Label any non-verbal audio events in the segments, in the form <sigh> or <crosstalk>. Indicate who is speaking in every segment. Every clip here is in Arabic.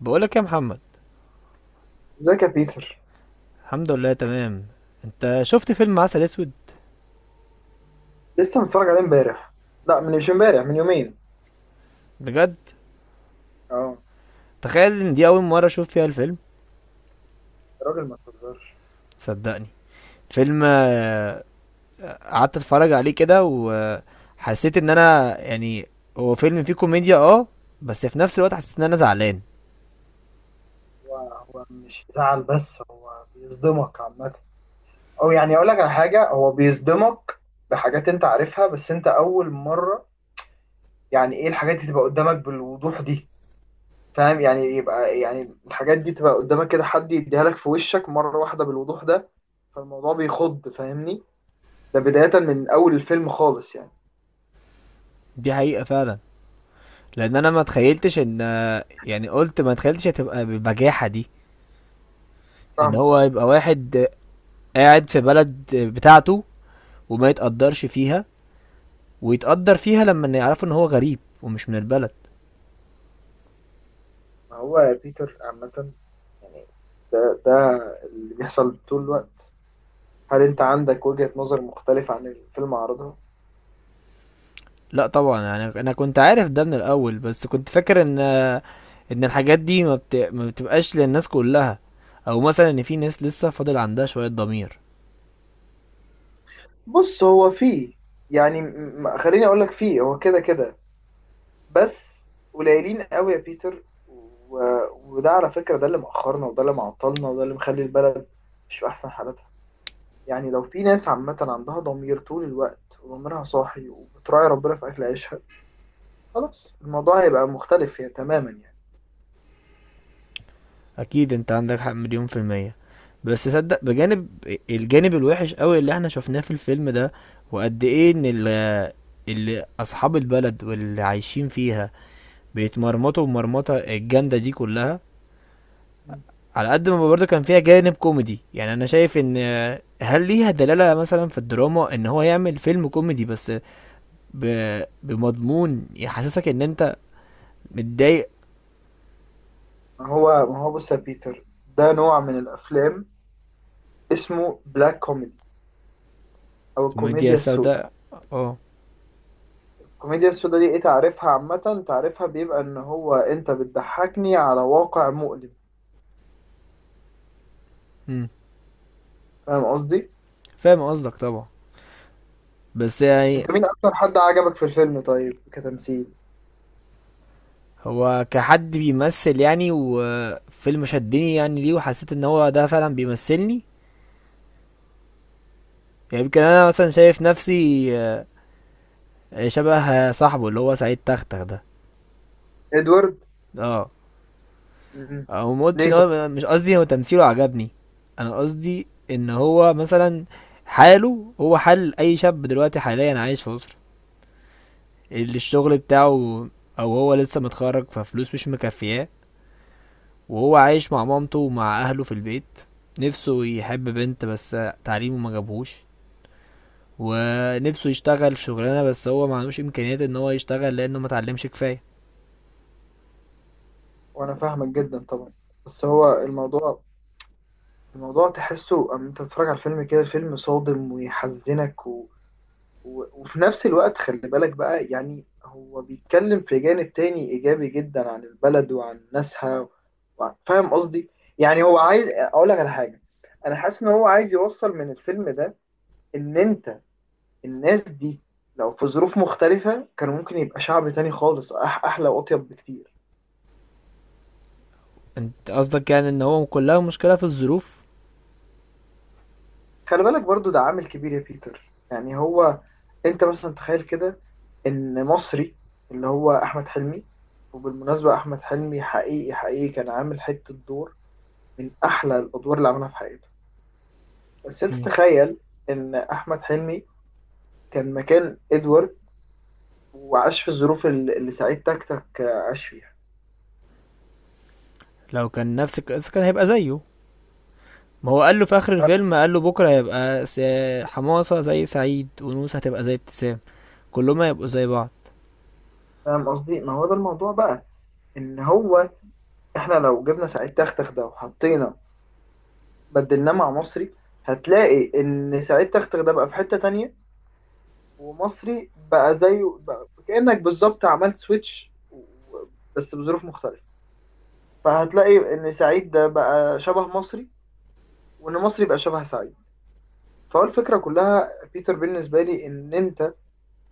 Speaker 1: بقولك يا محمد.
Speaker 2: ازيك يا بيتر.
Speaker 1: الحمد لله تمام. انت شفت فيلم عسل اسود؟
Speaker 2: لسه متفرج عليه امبارح. لا، مش امبارح، من يومين.
Speaker 1: بجد،
Speaker 2: اه.
Speaker 1: تخيل ان دي اول مره اشوف فيها الفيلم.
Speaker 2: الراجل ما تهزرش.
Speaker 1: صدقني فيلم، قعدت اتفرج عليه كده وحسيت ان انا يعني هو فيلم فيه كوميديا، بس في نفس الوقت حسيت ان انا زعلان.
Speaker 2: هو مش زعل، بس هو بيصدمك عامة. او يعني اقول لك على حاجة، هو بيصدمك بحاجات انت عارفها، بس انت اول مرة يعني ايه الحاجات دي تبقى قدامك بالوضوح دي. فاهم يعني، يبقى يعني الحاجات دي تبقى قدامك كده، حد يديها لك في وشك مرة واحدة بالوضوح ده. فالموضوع بيخض، فاهمني؟ ده بداية من اول الفيلم خالص يعني.
Speaker 1: دي حقيقه فعلا، لان انا ما تخيلتش يعني قلت ما تخيلتش هتبقى بالبجاحه دي، ان
Speaker 2: فاهمك.
Speaker 1: هو يبقى واحد، قاعد في بلد، بتاعته وما يتقدرش فيها ويتقدر فيها لما يعرفوا ان هو غريب ومش من البلد.
Speaker 2: ما هو بيتر عامة يعني، ده اللي بيحصل طول الوقت. هل انت عندك وجهة نظر مختلفة عن الفيلم عرضها؟
Speaker 1: لا طبعا، يعني انا كنت عارف ده من الاول بس كنت فاكر ان الحاجات دي ما بتبقاش للناس كلها، او مثلا ان في ناس لسه فاضل عندها شوية ضمير.
Speaker 2: بص، هو فيه يعني، خليني اقول لك، فيه هو كده كده، بس قليلين قوي يا بيتر وده على فكرة ده اللي مأخرنا، وده اللي معطلنا، وده اللي مخلي البلد مش في احسن حالاتها. يعني لو في ناس عامة عندها ضمير طول الوقت، وضميرها صاحي، وبتراعي ربنا في اكل عيشها، خلاص الموضوع هيبقى مختلف تماما يعني.
Speaker 1: اكيد انت عندك حق مليون في المية، بس صدق بجانب الجانب الوحش قوي اللي احنا شفناه في الفيلم ده، وقد ايه ان اللي اصحاب البلد واللي عايشين فيها بيتمرمطوا المرمطة الجامدة دي كلها. على قد ما برضه كان فيها جانب كوميدي، يعني انا شايف ان، هل ليها دلالة مثلا في الدراما ان هو يعمل فيلم كوميدي بس ب... بمضمون يحسسك ان انت متضايق.
Speaker 2: ما هو بص يا بيتر، ده نوع من الافلام اسمه بلاك كوميدي، او
Speaker 1: كوميديا
Speaker 2: الكوميديا السوداء.
Speaker 1: سوداء، اه.
Speaker 2: الكوميديا السوداء دي ايه، تعرفها عامه؟ تعرفها بيبقى ان هو انت بتضحكني على واقع مؤلم.
Speaker 1: أمم،
Speaker 2: فاهم قصدي؟
Speaker 1: فاهم قصدك طبعا، بس يعني
Speaker 2: انت مين اكتر حد عجبك في الفيلم طيب، كتمثيل؟
Speaker 1: هو كحد بيمثل، يعني وفيلم شدني يعني ليه وحسيت ان هو ده فعلا بيمثلني. يعني يمكن انا مثلا شايف نفسي، شبه صاحبه اللي هو سعيد تختخ ده.
Speaker 2: ادوارد.
Speaker 1: اه،
Speaker 2: مم.
Speaker 1: او ما قلتش ان
Speaker 2: ليه طب؟
Speaker 1: هو، مش قصدي هو تمثيله عجبني. انا قصدي ان هو مثلا حاله هو حال اي شاب دلوقتي حاليا عايش في مصر، اللي الشغل بتاعه، او هو لسه متخرج ففلوس مش مكفياه، وهو عايش مع مامته ومع اهله في البيت، نفسه يحب بنت بس تعليمه ما جابهوش، ونفسه يشتغل في شغلانه بس هو ما عندوش امكانيات ان هو يشتغل لانه ما اتعلمش كفايه.
Speaker 2: وانا فاهمك جدا طبعا، بس هو الموضوع، الموضوع تحسه أما انت بتتفرج على الفيلم كده، الفيلم صادم ويحزنك، وفي نفس الوقت خلي بالك بقى يعني، هو بيتكلم في جانب تاني إيجابي جدا عن البلد وعن ناسها وعن، فاهم قصدي؟ يعني هو عايز أقول لك على حاجة، أنا حاسس إن هو عايز يوصل من الفيلم ده، إن أنت، الناس دي لو في ظروف مختلفة كان ممكن يبقى شعب تاني خالص، أحلى وأطيب بكتير.
Speaker 1: انت قصدك يعني ان هو كلها مشكله في الظروف؟
Speaker 2: خلي بالك برضو ده عامل كبير يا بيتر، يعني هو انت مثلا تخيل كده ان مصري، اللي هو احمد حلمي، وبالمناسبة احمد حلمي حقيقي حقيقي كان عامل حتة دور من احلى الادوار اللي عملها في حياته. بس انت
Speaker 1: مم.
Speaker 2: تخيل ان احمد حلمي كان مكان ادوارد، وعاش في الظروف اللي سعيد تكتك عاش فيها.
Speaker 1: لو كان نفس القصه كان هيبقى زيه، ما هو قال له في اخر الفيلم، قال له بكره هيبقى حماصه زي سعيد، ونوسه هتبقى زي ابتسام، كلهم هيبقوا زي بعض.
Speaker 2: فاهم قصدي؟ ما هو ده الموضوع بقى، ان هو احنا لو جبنا سعيد تكتك ده وحطينا، بدلناه مع مصري، هتلاقي ان سعيد تكتك ده بقى في حتة تانية، ومصري بقى زيه، بقى كأنك بالظبط عملت سويتش، بس بظروف مختلفة. فهتلاقي إن سعيد ده بقى شبه مصري، وإن مصري بقى شبه سعيد. فهو الفكرة كلها بيتر بالنسبة لي إن أنت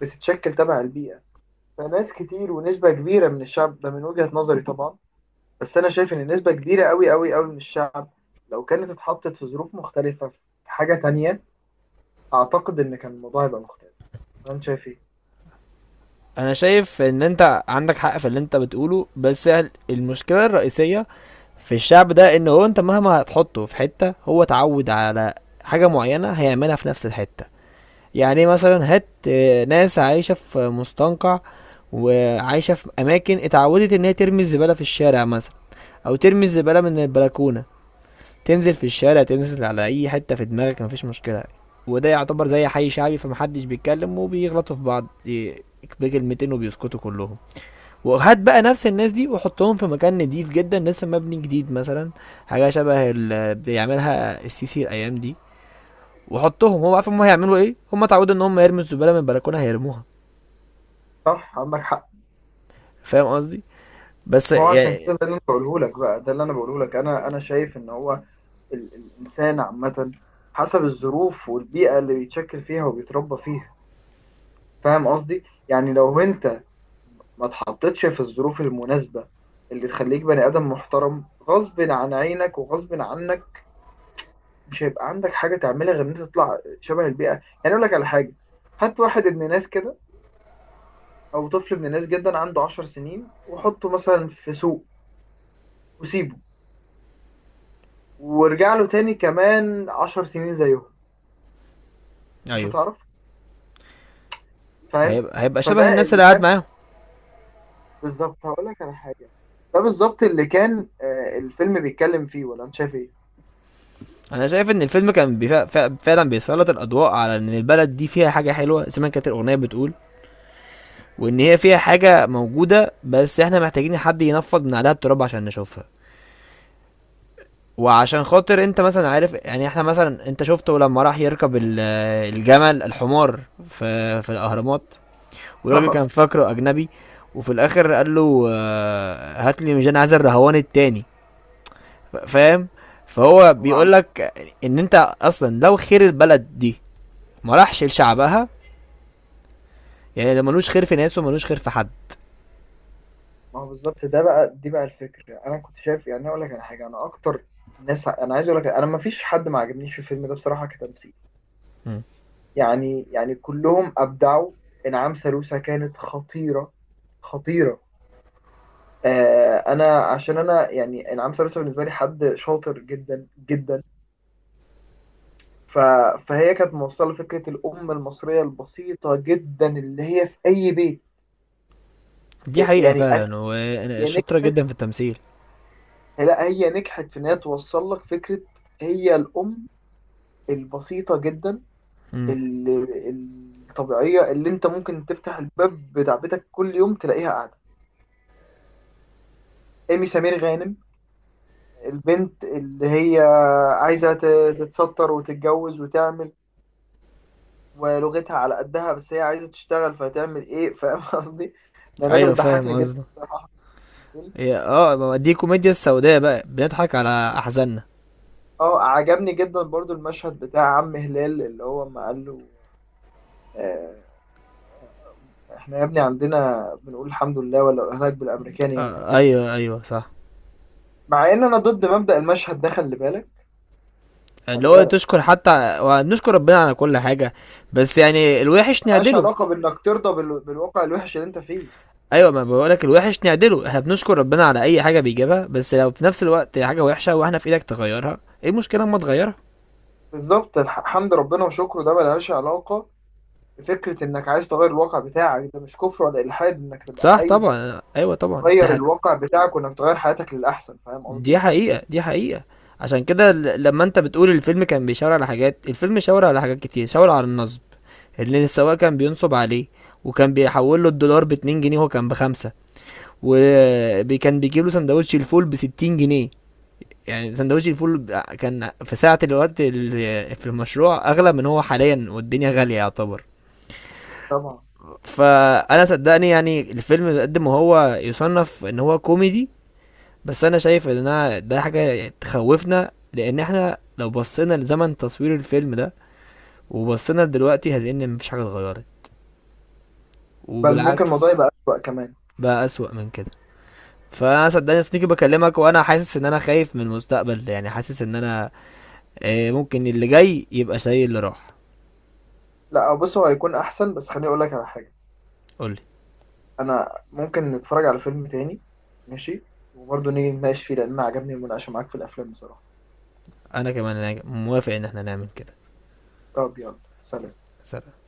Speaker 2: بتتشكل تبع البيئة. فناس كتير ونسبة كبيرة من الشعب ده من وجهة نظري طبعا، بس أنا شايف إن نسبة كبيرة أوي أوي أوي من الشعب لو كانت اتحطت في ظروف مختلفة، في حاجة تانية، أعتقد إن كان الموضوع هيبقى مختلف. أنا شايف إيه؟
Speaker 1: انا شايف ان انت عندك حق في اللي انت بتقوله، بس المشكله الرئيسيه في الشعب ده ان هو انت مهما هتحطه في حته هو اتعود على حاجه معينه هيعملها في نفس الحته. يعني مثلا هات، ناس عايشه في مستنقع، وعايشه في اماكن اتعودت ان هي ترمي الزباله في الشارع مثلا، او ترمي الزباله من البلكونه، تنزل في الشارع، تنزل على اي حتة في دماغك، مفيش مشكلة. وده يعتبر زي حي شعبي، فمحدش بيتكلم، وبيغلطوا في بعض، بكلمتين وبيسكتوا كلهم. وهات بقى نفس الناس دي وحطهم في مكان نضيف جدا، لسه مبني جديد مثلا، حاجة شبه اللي بيعملها السيسي الايام دي، وحطهم، هو عارف هم هيعملوا ايه، هم اتعودوا ان هم يرموا الزبالة من البلكونة هيرموها.
Speaker 2: صح، عندك حق.
Speaker 1: فاهم قصدي، بس
Speaker 2: ما هو عشان
Speaker 1: يعني.
Speaker 2: كده ده اللي انا بقوله لك، بقى ده اللي انا بقوله لك، انا شايف ان هو الانسان عامه حسب الظروف والبيئه اللي بيتشكل فيها وبيتربى فيها. فاهم قصدي؟ يعني لو انت ما اتحطتش في الظروف المناسبه اللي تخليك بني ادم محترم غصب عن عينك وغصب عنك، مش هيبقى عندك حاجه تعملها غير ان انت تطلع شبه البيئه. يعني اقول لك على حاجه، هات واحد ابن ناس كده، او طفل ابن ناس جدا عنده 10 سنين، وحطه مثلا في سوق، وسيبه، وارجع له تاني كمان 10 سنين زيهم، مش
Speaker 1: ايوه،
Speaker 2: هتعرف.
Speaker 1: ما
Speaker 2: فاهم؟
Speaker 1: هيبقى شبه
Speaker 2: فده
Speaker 1: الناس
Speaker 2: اللي
Speaker 1: اللي قاعد
Speaker 2: كان،
Speaker 1: معاهم.
Speaker 2: بالظبط هقول لك على حاجة، ده بالظبط اللي كان الفيلم بيتكلم فيه، ولا انت شايف ايه؟
Speaker 1: انا شايف ان الفيلم كان فعلا بيسلط الاضواء على ان البلد دي فيها حاجه حلوه زي ما كانت الاغنيه بتقول، وان هي فيها حاجه موجوده بس احنا محتاجين حد ينفض من عليها التراب عشان نشوفها. وعشان خاطر انت مثلا عارف، يعني احنا مثلا انت شفته لما راح يركب الجمل، الحمار، في الاهرامات، والراجل كان
Speaker 2: <laughs>
Speaker 1: فاكره اجنبي. وفي الاخر قال له، هات لي، مش انا عايز الرهوان التاني. فاهم؟ فهو
Speaker 2: هو عم.
Speaker 1: بيقول لك ان انت اصلا لو خير البلد دي ما راحش لشعبها، يعني ده ملوش خير في ناس وملوش خير في حد.
Speaker 2: ما هو بالظبط ده بقى، دي بقى الفكرة. انا كنت شايف يعني اقول لك على حاجة، انا اكتر ناس انا عايز اقول لك، انا ما فيش حد ما عجبنيش في الفيلم ده بصراحة كتمثيل.
Speaker 1: مم.
Speaker 2: يعني يعني كلهم ابدعوا. انعام سالوسة كانت خطيرة، خطيرة. انا عشان انا يعني انعام سالوسة بالنسبه لي حد شاطر جدا جدا، ف... فهي كانت موصله فكره الام المصريه البسيطه جدا اللي هي في اي بيت.
Speaker 1: دي
Speaker 2: آه،
Speaker 1: حقيقة
Speaker 2: يعني أك-
Speaker 1: فعلا، وانا
Speaker 2: هي
Speaker 1: شاطرة
Speaker 2: نجحت.
Speaker 1: جدا في التمثيل.
Speaker 2: لا، هي نجحت في ان هي توصل لك فكره، هي الام البسيطه جدا
Speaker 1: مم.
Speaker 2: اللي الطبيعيه، اللي انت ممكن تفتح الباب بتاع بيتك كل يوم تلاقيها قاعده. ايمي سمير غانم، البنت اللي هي عايزه تتستر وتتجوز وتعمل، ولغتها على قدها، بس هي عايزة تشتغل فهتعمل ايه؟ <laughs> فاهم قصدي؟ منى رجب
Speaker 1: ايوه فاهم
Speaker 2: بتضحكني جدا
Speaker 1: قصدك.
Speaker 2: بصراحة في الفيلم.
Speaker 1: اه، ما دي كوميديا السوداء بقى، بنضحك على احزاننا.
Speaker 2: اه، عجبني جدا برضو المشهد بتاع عم هلال اللي هو ما قال له، آه، احنا يا ابني عندنا بنقول الحمد لله، ولا الاهلاك بالامريكاني يمكن
Speaker 1: آه
Speaker 2: تفهم.
Speaker 1: ايوه ايوه صح،
Speaker 2: مع ان انا ضد مبدأ المشهد ده، خلي بالك.
Speaker 1: اللي
Speaker 2: خلي
Speaker 1: هو
Speaker 2: بالك،
Speaker 1: تشكر حتى ونشكر ربنا على كل حاجة، بس يعني الوحش
Speaker 2: ملهاش
Speaker 1: نعدله.
Speaker 2: علاقة بانك ترضى بالواقع الوحش اللي انت فيه.
Speaker 1: ايوه، ما بقولك الوحش نعدله، احنا بنشكر ربنا على اي حاجة بيجيبها، بس لو في نفس الوقت حاجة وحشة واحنا في ايدك تغيرها، ايه المشكلة اما تغيرها؟
Speaker 2: بالظبط، حمد ربنا وشكره ده ملهاش علاقة بفكرة انك عايز تغير الواقع بتاعك. ده مش كفر ولا الحاد انك تبقى
Speaker 1: صح
Speaker 2: عايز
Speaker 1: طبعا، ايوه طبعا انت.
Speaker 2: تغير الواقع بتاعك، وانك تغير حياتك للاحسن. فاهم
Speaker 1: دي
Speaker 2: قصدي؟
Speaker 1: حقيقة، دي حقيقة. عشان كده لما انت بتقول الفيلم كان بيشاور على حاجات، الفيلم شاور على حاجات كتير، شاور على النصب اللي السواق كان بينصب عليه، وكان بيحول له الدولار بـ 2 جنيه وهو كان بـ 5،
Speaker 2: مم.
Speaker 1: وكان بيجيب له سندوتش الفول بـ 60 جنيه. يعني سندوتش الفول كان في ساعة الوقت في المشروع أغلى من هو حاليا، والدنيا غالية يعتبر.
Speaker 2: طبعا.
Speaker 1: فأنا صدقني يعني الفيلم قد ما هو يصنف إن هو كوميدي، بس انا شايف ان انا ده حاجه تخوفنا، لان احنا لو بصينا لزمن تصوير الفيلم ده وبصينا لدلوقتي هنلاقي ان مفيش حاجه اتغيرت،
Speaker 2: بل ممكن
Speaker 1: وبالعكس
Speaker 2: الموضوع يبقى اسوأ كمان.
Speaker 1: بقى اسوأ من كده. فانا صدقني سنيكي، بكلمك وانا حاسس ان انا خايف من المستقبل، يعني حاسس ان انا ممكن اللي جاي يبقى زي اللي راح.
Speaker 2: لا بص، هو هيكون احسن، بس خليني اقول لك على حاجه.
Speaker 1: قولي.
Speaker 2: انا ممكن نتفرج على فيلم تاني، ماشي، وبرضه نيجي نناقش فيه، لان انا عجبني المناقشه معاك في الافلام بصراحه.
Speaker 1: انا كمان أنا موافق ان احنا نعمل كده.
Speaker 2: طب يلا، سلام.
Speaker 1: سلام.